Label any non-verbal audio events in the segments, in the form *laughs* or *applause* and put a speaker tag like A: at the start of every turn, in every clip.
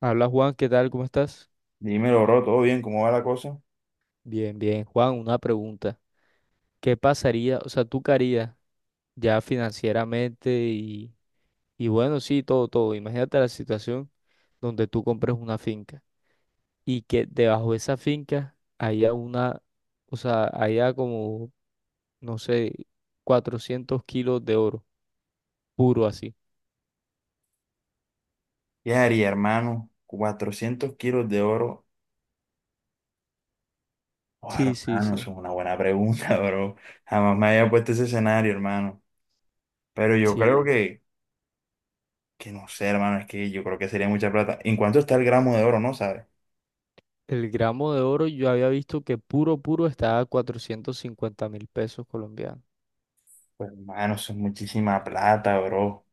A: Habla Juan, ¿qué tal? ¿Cómo estás?
B: Dímelo, bro, ¿todo bien? ¿Cómo va la cosa?
A: Bien, bien. Juan, una pregunta. ¿Qué pasaría, o sea, tú qué harías ya financieramente y bueno, sí, todo. Imagínate la situación donde tú compres una finca y que debajo de esa finca haya una, o sea, haya como, no sé, 400 kilos de oro, puro así.
B: ¿Qué haría, hermano? 400 kilos de oro. Oh,
A: Sí, sí,
B: hermano, eso
A: sí.
B: es una buena pregunta, *laughs* bro. Jamás me había puesto ese escenario, hermano. Pero yo creo
A: Sí.
B: que, no sé, hermano, es que yo creo que sería mucha plata. ¿En cuánto está el gramo de oro, no sabes?
A: El gramo de oro yo había visto que puro estaba a 450 mil pesos colombianos.
B: Pues, hermano, eso es muchísima plata, bro.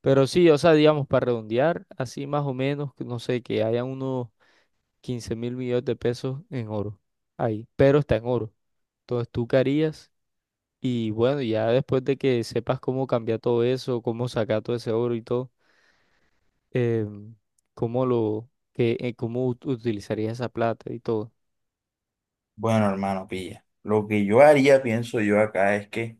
A: Pero sí, o sea, digamos, para redondear, así más o menos, que no sé, que haya unos 15.000.000.000 de pesos en oro ahí, pero está en oro. Entonces tú qué harías y bueno, ya después de que sepas cómo cambiar todo eso, cómo sacar todo ese oro y todo, em, cómo lo, que, cómo utilizarías esa plata y todo.
B: Bueno, hermano, pilla. Lo que yo haría, pienso yo acá, es que,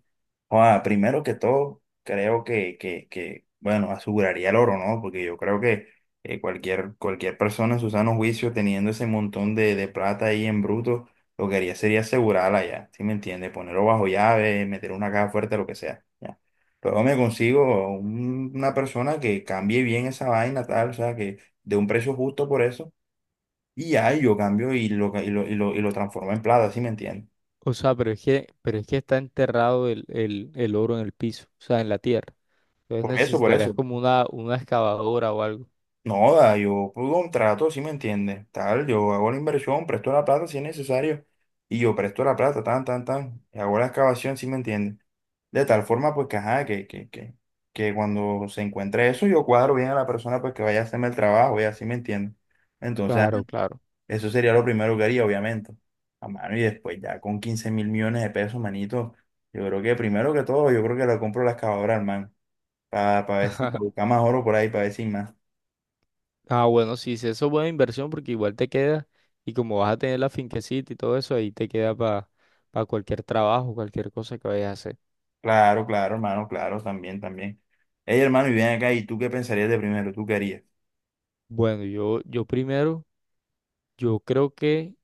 B: joda, primero que todo, creo que bueno, aseguraría el oro, ¿no? Porque yo creo que cualquier persona en su sano juicio, teniendo ese montón de plata ahí en bruto, lo que haría sería asegurarla ya, ¿sí me entiende? Ponerlo bajo llave, meter una caja fuerte, lo que sea, ya. Luego me consigo una persona que cambie bien esa vaina, tal, o sea, que de un precio justo por eso y ya y yo cambio y lo, ca- y lo, y lo, y lo transformo en plata, ¿sí me entiendes?
A: O sea, pero es que está enterrado el oro en el piso, o sea, en la tierra. Entonces
B: Por eso, por
A: necesitarías
B: eso.
A: como una excavadora o algo.
B: No, da, yo por contrato, ¿sí me entiendes? Tal, yo hago la inversión, presto la plata si es necesario. Y yo presto la plata, tan, tan, tan, y hago la excavación, ¿sí me entiendes? De tal forma, pues, que, ajá, que cuando se encuentre eso, yo cuadro bien a la persona, pues, que vaya a hacerme el trabajo, ya, ¿sí me entiendes? Entonces,
A: Claro, claro.
B: eso sería lo primero que haría, obviamente. A mano y después ya con 15.000 millones de pesos, manito. Yo creo que primero que todo, yo creo que le compro la excavadora al man. Para ver si, pa buscar más oro por ahí, para ver si hay más.
A: Ah, bueno, sí, sí, eso es buena inversión porque igual te queda y como vas a tener la finquecita y todo eso, ahí te queda para cualquier trabajo, cualquier cosa que vayas a hacer.
B: Claro, claro, hermano, claro, también, también. Ey, hermano, y ven acá, ¿y tú qué pensarías de primero? ¿Tú qué harías?
A: Bueno, yo primero, yo creo que,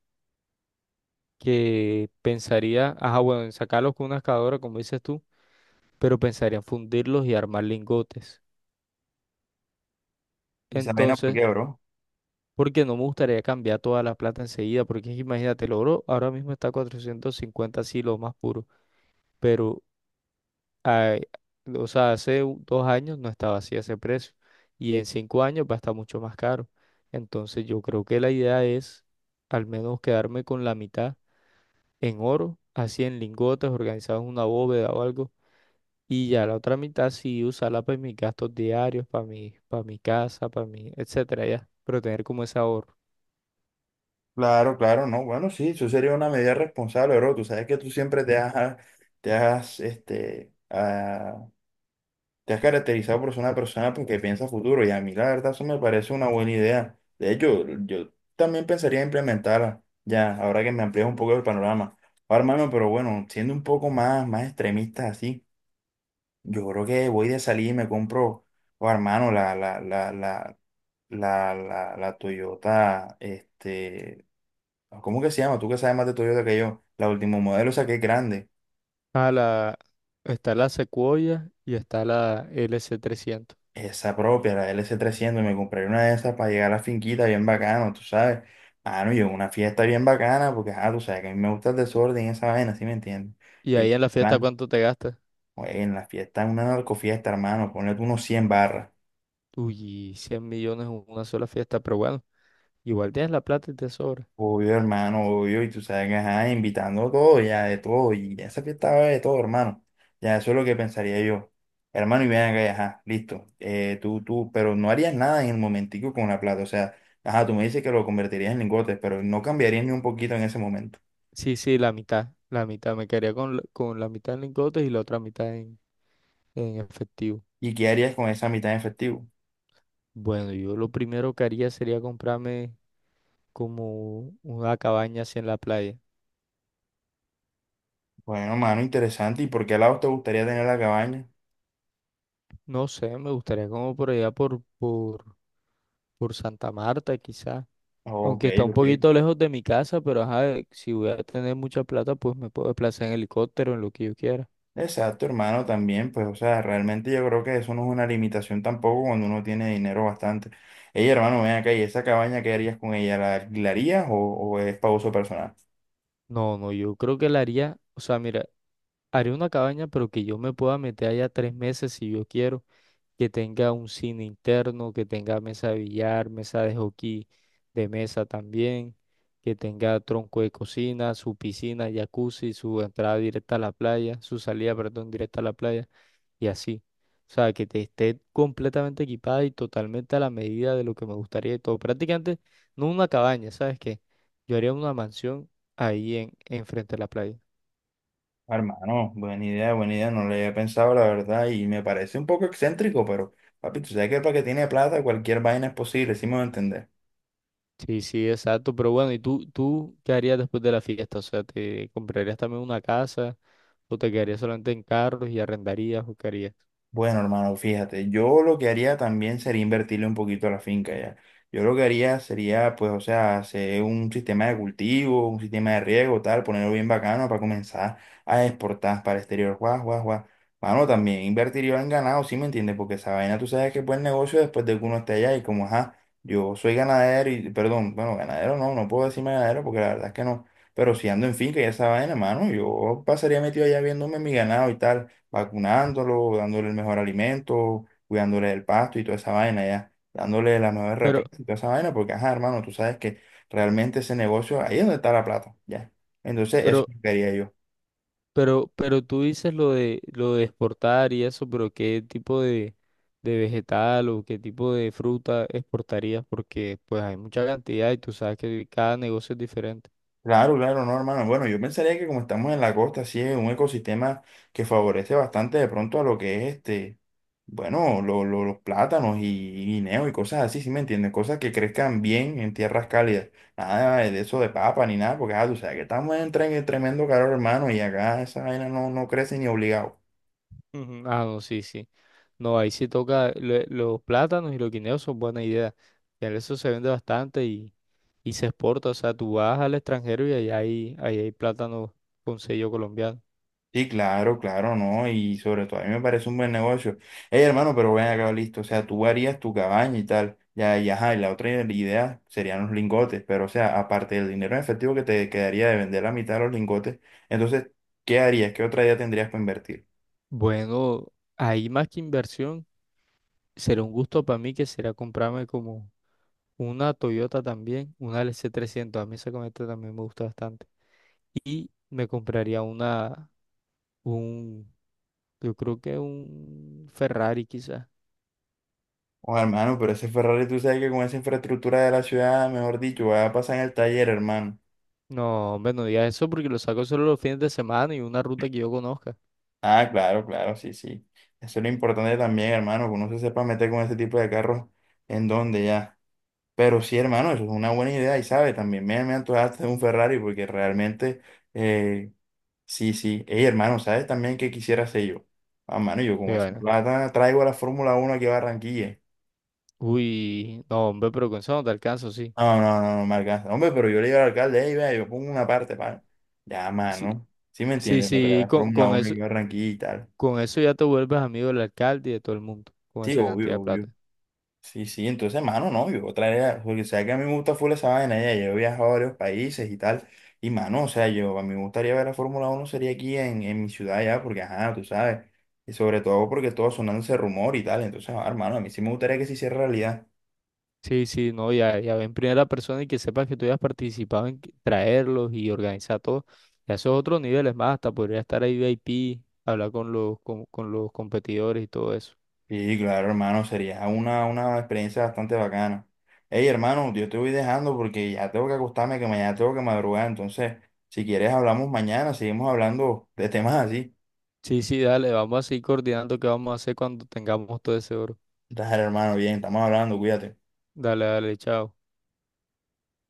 A: pensaría, ajá, bueno, en sacarlos con una excavadora, como dices tú, pero pensaría en fundirlos y armar lingotes.
B: ¿Y esa vaina por
A: Entonces,
B: qué, bro?
A: porque no me gustaría cambiar toda la plata enseguida, porque es que imagínate, el oro ahora mismo está a 450 así, lo más puro, pero ah, o sea, hace 2 años no estaba así ese precio y en 5 años va a estar mucho más caro. Entonces yo creo que la idea es al menos quedarme con la mitad en oro, así en lingotes, organizados en una bóveda o algo, y ya la otra mitad sí usarla para mis gastos diarios, para mi casa, para mi, etcétera, ya, pero tener como ese ahorro.
B: Claro, claro, no. Bueno, sí, eso sería una medida responsable, bro. Tú sabes que tú siempre te has, este, te has caracterizado por ser una persona porque piensa futuro y a mí la verdad eso me parece una buena idea. De hecho, yo también pensaría implementarla ya, ahora que me amplías un poco el panorama. Ahora, hermano, pero bueno, siendo un poco más extremista así, yo creo que voy de salir y me compro, oh, hermano, la Toyota, ¿cómo que se llama? Tú que sabes más de Toyota que yo, la último modelo, o sea, que es grande.
A: A la, está la Sequoia y está la LC 300.
B: Esa propia, la LC300, me compré una de esas para llegar a la finquita bien bacano, tú sabes. Ah, no, yo en una fiesta bien bacana, porque, ah, tú sabes que a mí me gusta el desorden y esa vaina, ¿sí me entiendes?
A: Y
B: Y,
A: ahí en la fiesta,
B: plan,
A: ¿cuánto te gastas?
B: oye, en la fiesta, una narcofiesta, hermano, ponle tú unos 100 barras.
A: Uy, 100.000.000 en una sola fiesta, pero bueno, igual tienes la plata y te sobra.
B: Obvio, hermano, obvio, y tú sabes que, ajá, invitando a todo, ya de todo, y esa fiesta va a haber de todo, hermano. Ya eso es lo que pensaría yo. Hermano, y ven acá, y ajá, listo. Tú, pero no harías nada en el momentico con la plata, o sea, ajá, tú me dices que lo convertirías en lingotes, pero no cambiarías ni un poquito en ese momento.
A: Sí, sí, la mitad. Me quedaría con, con la mitad en lingotes y la otra mitad en efectivo.
B: ¿Y qué harías con esa mitad en efectivo?
A: Bueno, yo lo primero que haría sería comprarme como una cabaña así en la playa.
B: Bueno, hermano, interesante, ¿y por qué lado te gustaría tener la cabaña?
A: No sé, me gustaría como por allá por Santa Marta quizás.
B: Ok,
A: Aunque está un
B: ok.
A: poquito lejos de mi casa, pero ajá, si voy a tener mucha plata, pues me puedo desplazar en helicóptero, en lo que yo quiera.
B: Exacto, hermano, también, pues, o sea, realmente yo creo que eso no es una limitación tampoco cuando uno tiene dinero bastante. Ey, hermano, ven acá, ¿y esa cabaña qué harías con ella? ¿La alquilarías o es para uso personal?
A: No, no, yo creo que la haría, o sea, mira. Haré una cabaña, pero que yo me pueda meter allá 3 meses si yo quiero, que tenga un cine interno, que tenga mesa de billar, mesa de hockey de mesa también, que tenga tronco de cocina, su piscina, jacuzzi, su entrada directa a la playa, su salida, perdón, directa a la playa y así. O sea, que te esté completamente equipada y totalmente a la medida de lo que me gustaría y todo. Prácticamente no una cabaña, ¿sabes qué? Yo haría una mansión ahí en, enfrente de la playa.
B: Hermano, buena idea, no lo había pensado, la verdad, y me parece un poco excéntrico, pero, papi, tú sabes que para que tiene plata cualquier vaina es posible, sí me voy a entender.
A: Sí, sí, exacto. Pero bueno, ¿y tú qué harías después de la fiesta? O sea, ¿te comprarías también una casa o te quedarías solamente en carros y arrendarías o qué harías?
B: Bueno, hermano, fíjate, yo lo que haría también sería invertirle un poquito a la finca ya. Yo lo que haría sería, pues, o sea, hacer un sistema de cultivo, un sistema de riego, tal, ponerlo bien bacano para comenzar a exportar para el exterior. Guau, guau, guau. Mano, también invertiría en ganado, ¿sí me entiendes? Porque esa vaina tú sabes que es buen negocio después de que uno esté allá y como, ajá, yo soy ganadero y, perdón, bueno, ganadero no, no puedo decirme ganadero porque la verdad es que no. Pero si ando en finca y esa vaina, mano, yo pasaría metido allá viéndome mi ganado y tal vacunándolo, dándole el mejor alimento, cuidándole del pasto y toda esa vaina, ya, dándole las mejores
A: Pero,
B: represas y toda esa vaina, porque, ajá, hermano, tú sabes que realmente ese negocio, ahí es donde está la plata, ya. Entonces, eso es
A: pero,
B: lo que quería yo.
A: pero tú dices lo de exportar y eso, pero ¿qué tipo de vegetal o qué tipo de fruta exportarías? Porque pues hay mucha cantidad y tú sabes que cada negocio es diferente.
B: Claro, claro, no, hermano. Bueno, yo pensaría que como estamos en la costa, sí es un ecosistema que favorece bastante de pronto a lo que es este, bueno, los plátanos y guineos y cosas así, ¿sí me entiendes? Cosas que crezcan bien en tierras cálidas. Nada de eso de papa ni nada, porque ah, tú sabes que estamos en tremendo calor, hermano, y acá esa vaina no, no crece ni obligado.
A: Ujú. Ah, no, sí, sí. No, ahí sí toca los plátanos y los guineos son buena idea. Ya eso se vende bastante y se exporta. O sea, tú vas al extranjero y ahí hay plátano con sello colombiano.
B: Sí, claro, claro, ¿no? Y sobre todo a mí me parece un buen negocio. Hey, hermano, pero ven acá, listo. O sea, tú harías tu cabaña y tal. Ya, ya, ajá, y la otra idea serían los lingotes. Pero, o sea, aparte del dinero en efectivo que te quedaría de vender la mitad de los lingotes, entonces, ¿qué harías? ¿Qué otra idea tendrías para invertir?
A: Bueno, ahí más que inversión, será un gusto para mí que será comprarme como una Toyota también, una LC 300. A mí esa camioneta también me gusta bastante. Y me compraría un, yo creo que un Ferrari quizás.
B: Oh, hermano, pero ese Ferrari, tú sabes que con esa infraestructura de la ciudad, mejor dicho, va a pasar en el taller, hermano.
A: No, hombre, no digas eso porque lo saco solo los fines de semana y una ruta que yo conozca.
B: Ah, claro, claro, sí, sí. Eso es lo importante también, hermano, que uno se sepa meter con ese tipo de carros en donde ya. Pero sí, hermano, eso es una buena idea y sabe, también me antojaste de un Ferrari porque realmente, eh, sí, sí. Ey, hermano, ¿sabes también qué quisiera hacer yo? Ah, mano, yo con
A: Qué
B: esa
A: vaina.
B: plata traigo la Fórmula Uno aquí a Barranquilla.
A: Uy, no, hombre, pero con eso no te alcanzo, sí.
B: No, no, no, no me alcanza. Hombre, pero yo le digo al alcalde, ey, vea, yo pongo una parte para... Ya,
A: Sí,
B: mano, sí me
A: sí,
B: entiendes, para traer
A: sí,
B: la Fórmula
A: con
B: Uno
A: eso.
B: aquí a Barranquilla y tal.
A: Con eso ya te vuelves amigo del alcalde y de todo el mundo, con
B: Sí,
A: esa cantidad
B: obvio,
A: de
B: obvio.
A: plata.
B: Sí, sí, entonces, mano no, yo traería, porque sabes que a mí me gusta full esa vaina, ya, yo he viajado a varios países y tal, y mano, o sea, yo, a mí me gustaría ver la Fórmula uno sería aquí en mi ciudad ya, porque ajá, tú sabes, y sobre todo porque todo sonando ese rumor y tal, entonces, ah, hermano, a mí sí me gustaría que se hiciera realidad.
A: Sí, sí, no, ya, ya ven primera persona y que sepas que tú hayas participado en traerlos y organizar todo. Ya esos otros niveles más, hasta podría estar ahí VIP, hablar con los, con los competidores y todo eso.
B: Sí, claro, hermano, sería una experiencia bastante bacana. Hey, hermano, yo te voy dejando porque ya tengo que acostarme, que mañana tengo que madrugar, entonces, si quieres hablamos mañana, seguimos hablando de temas así.
A: Sí, sí, dale, vamos a seguir coordinando qué vamos a hacer cuando tengamos todo ese oro.
B: Dale, hermano, bien, estamos hablando, cuídate.
A: Dale, dale, chao.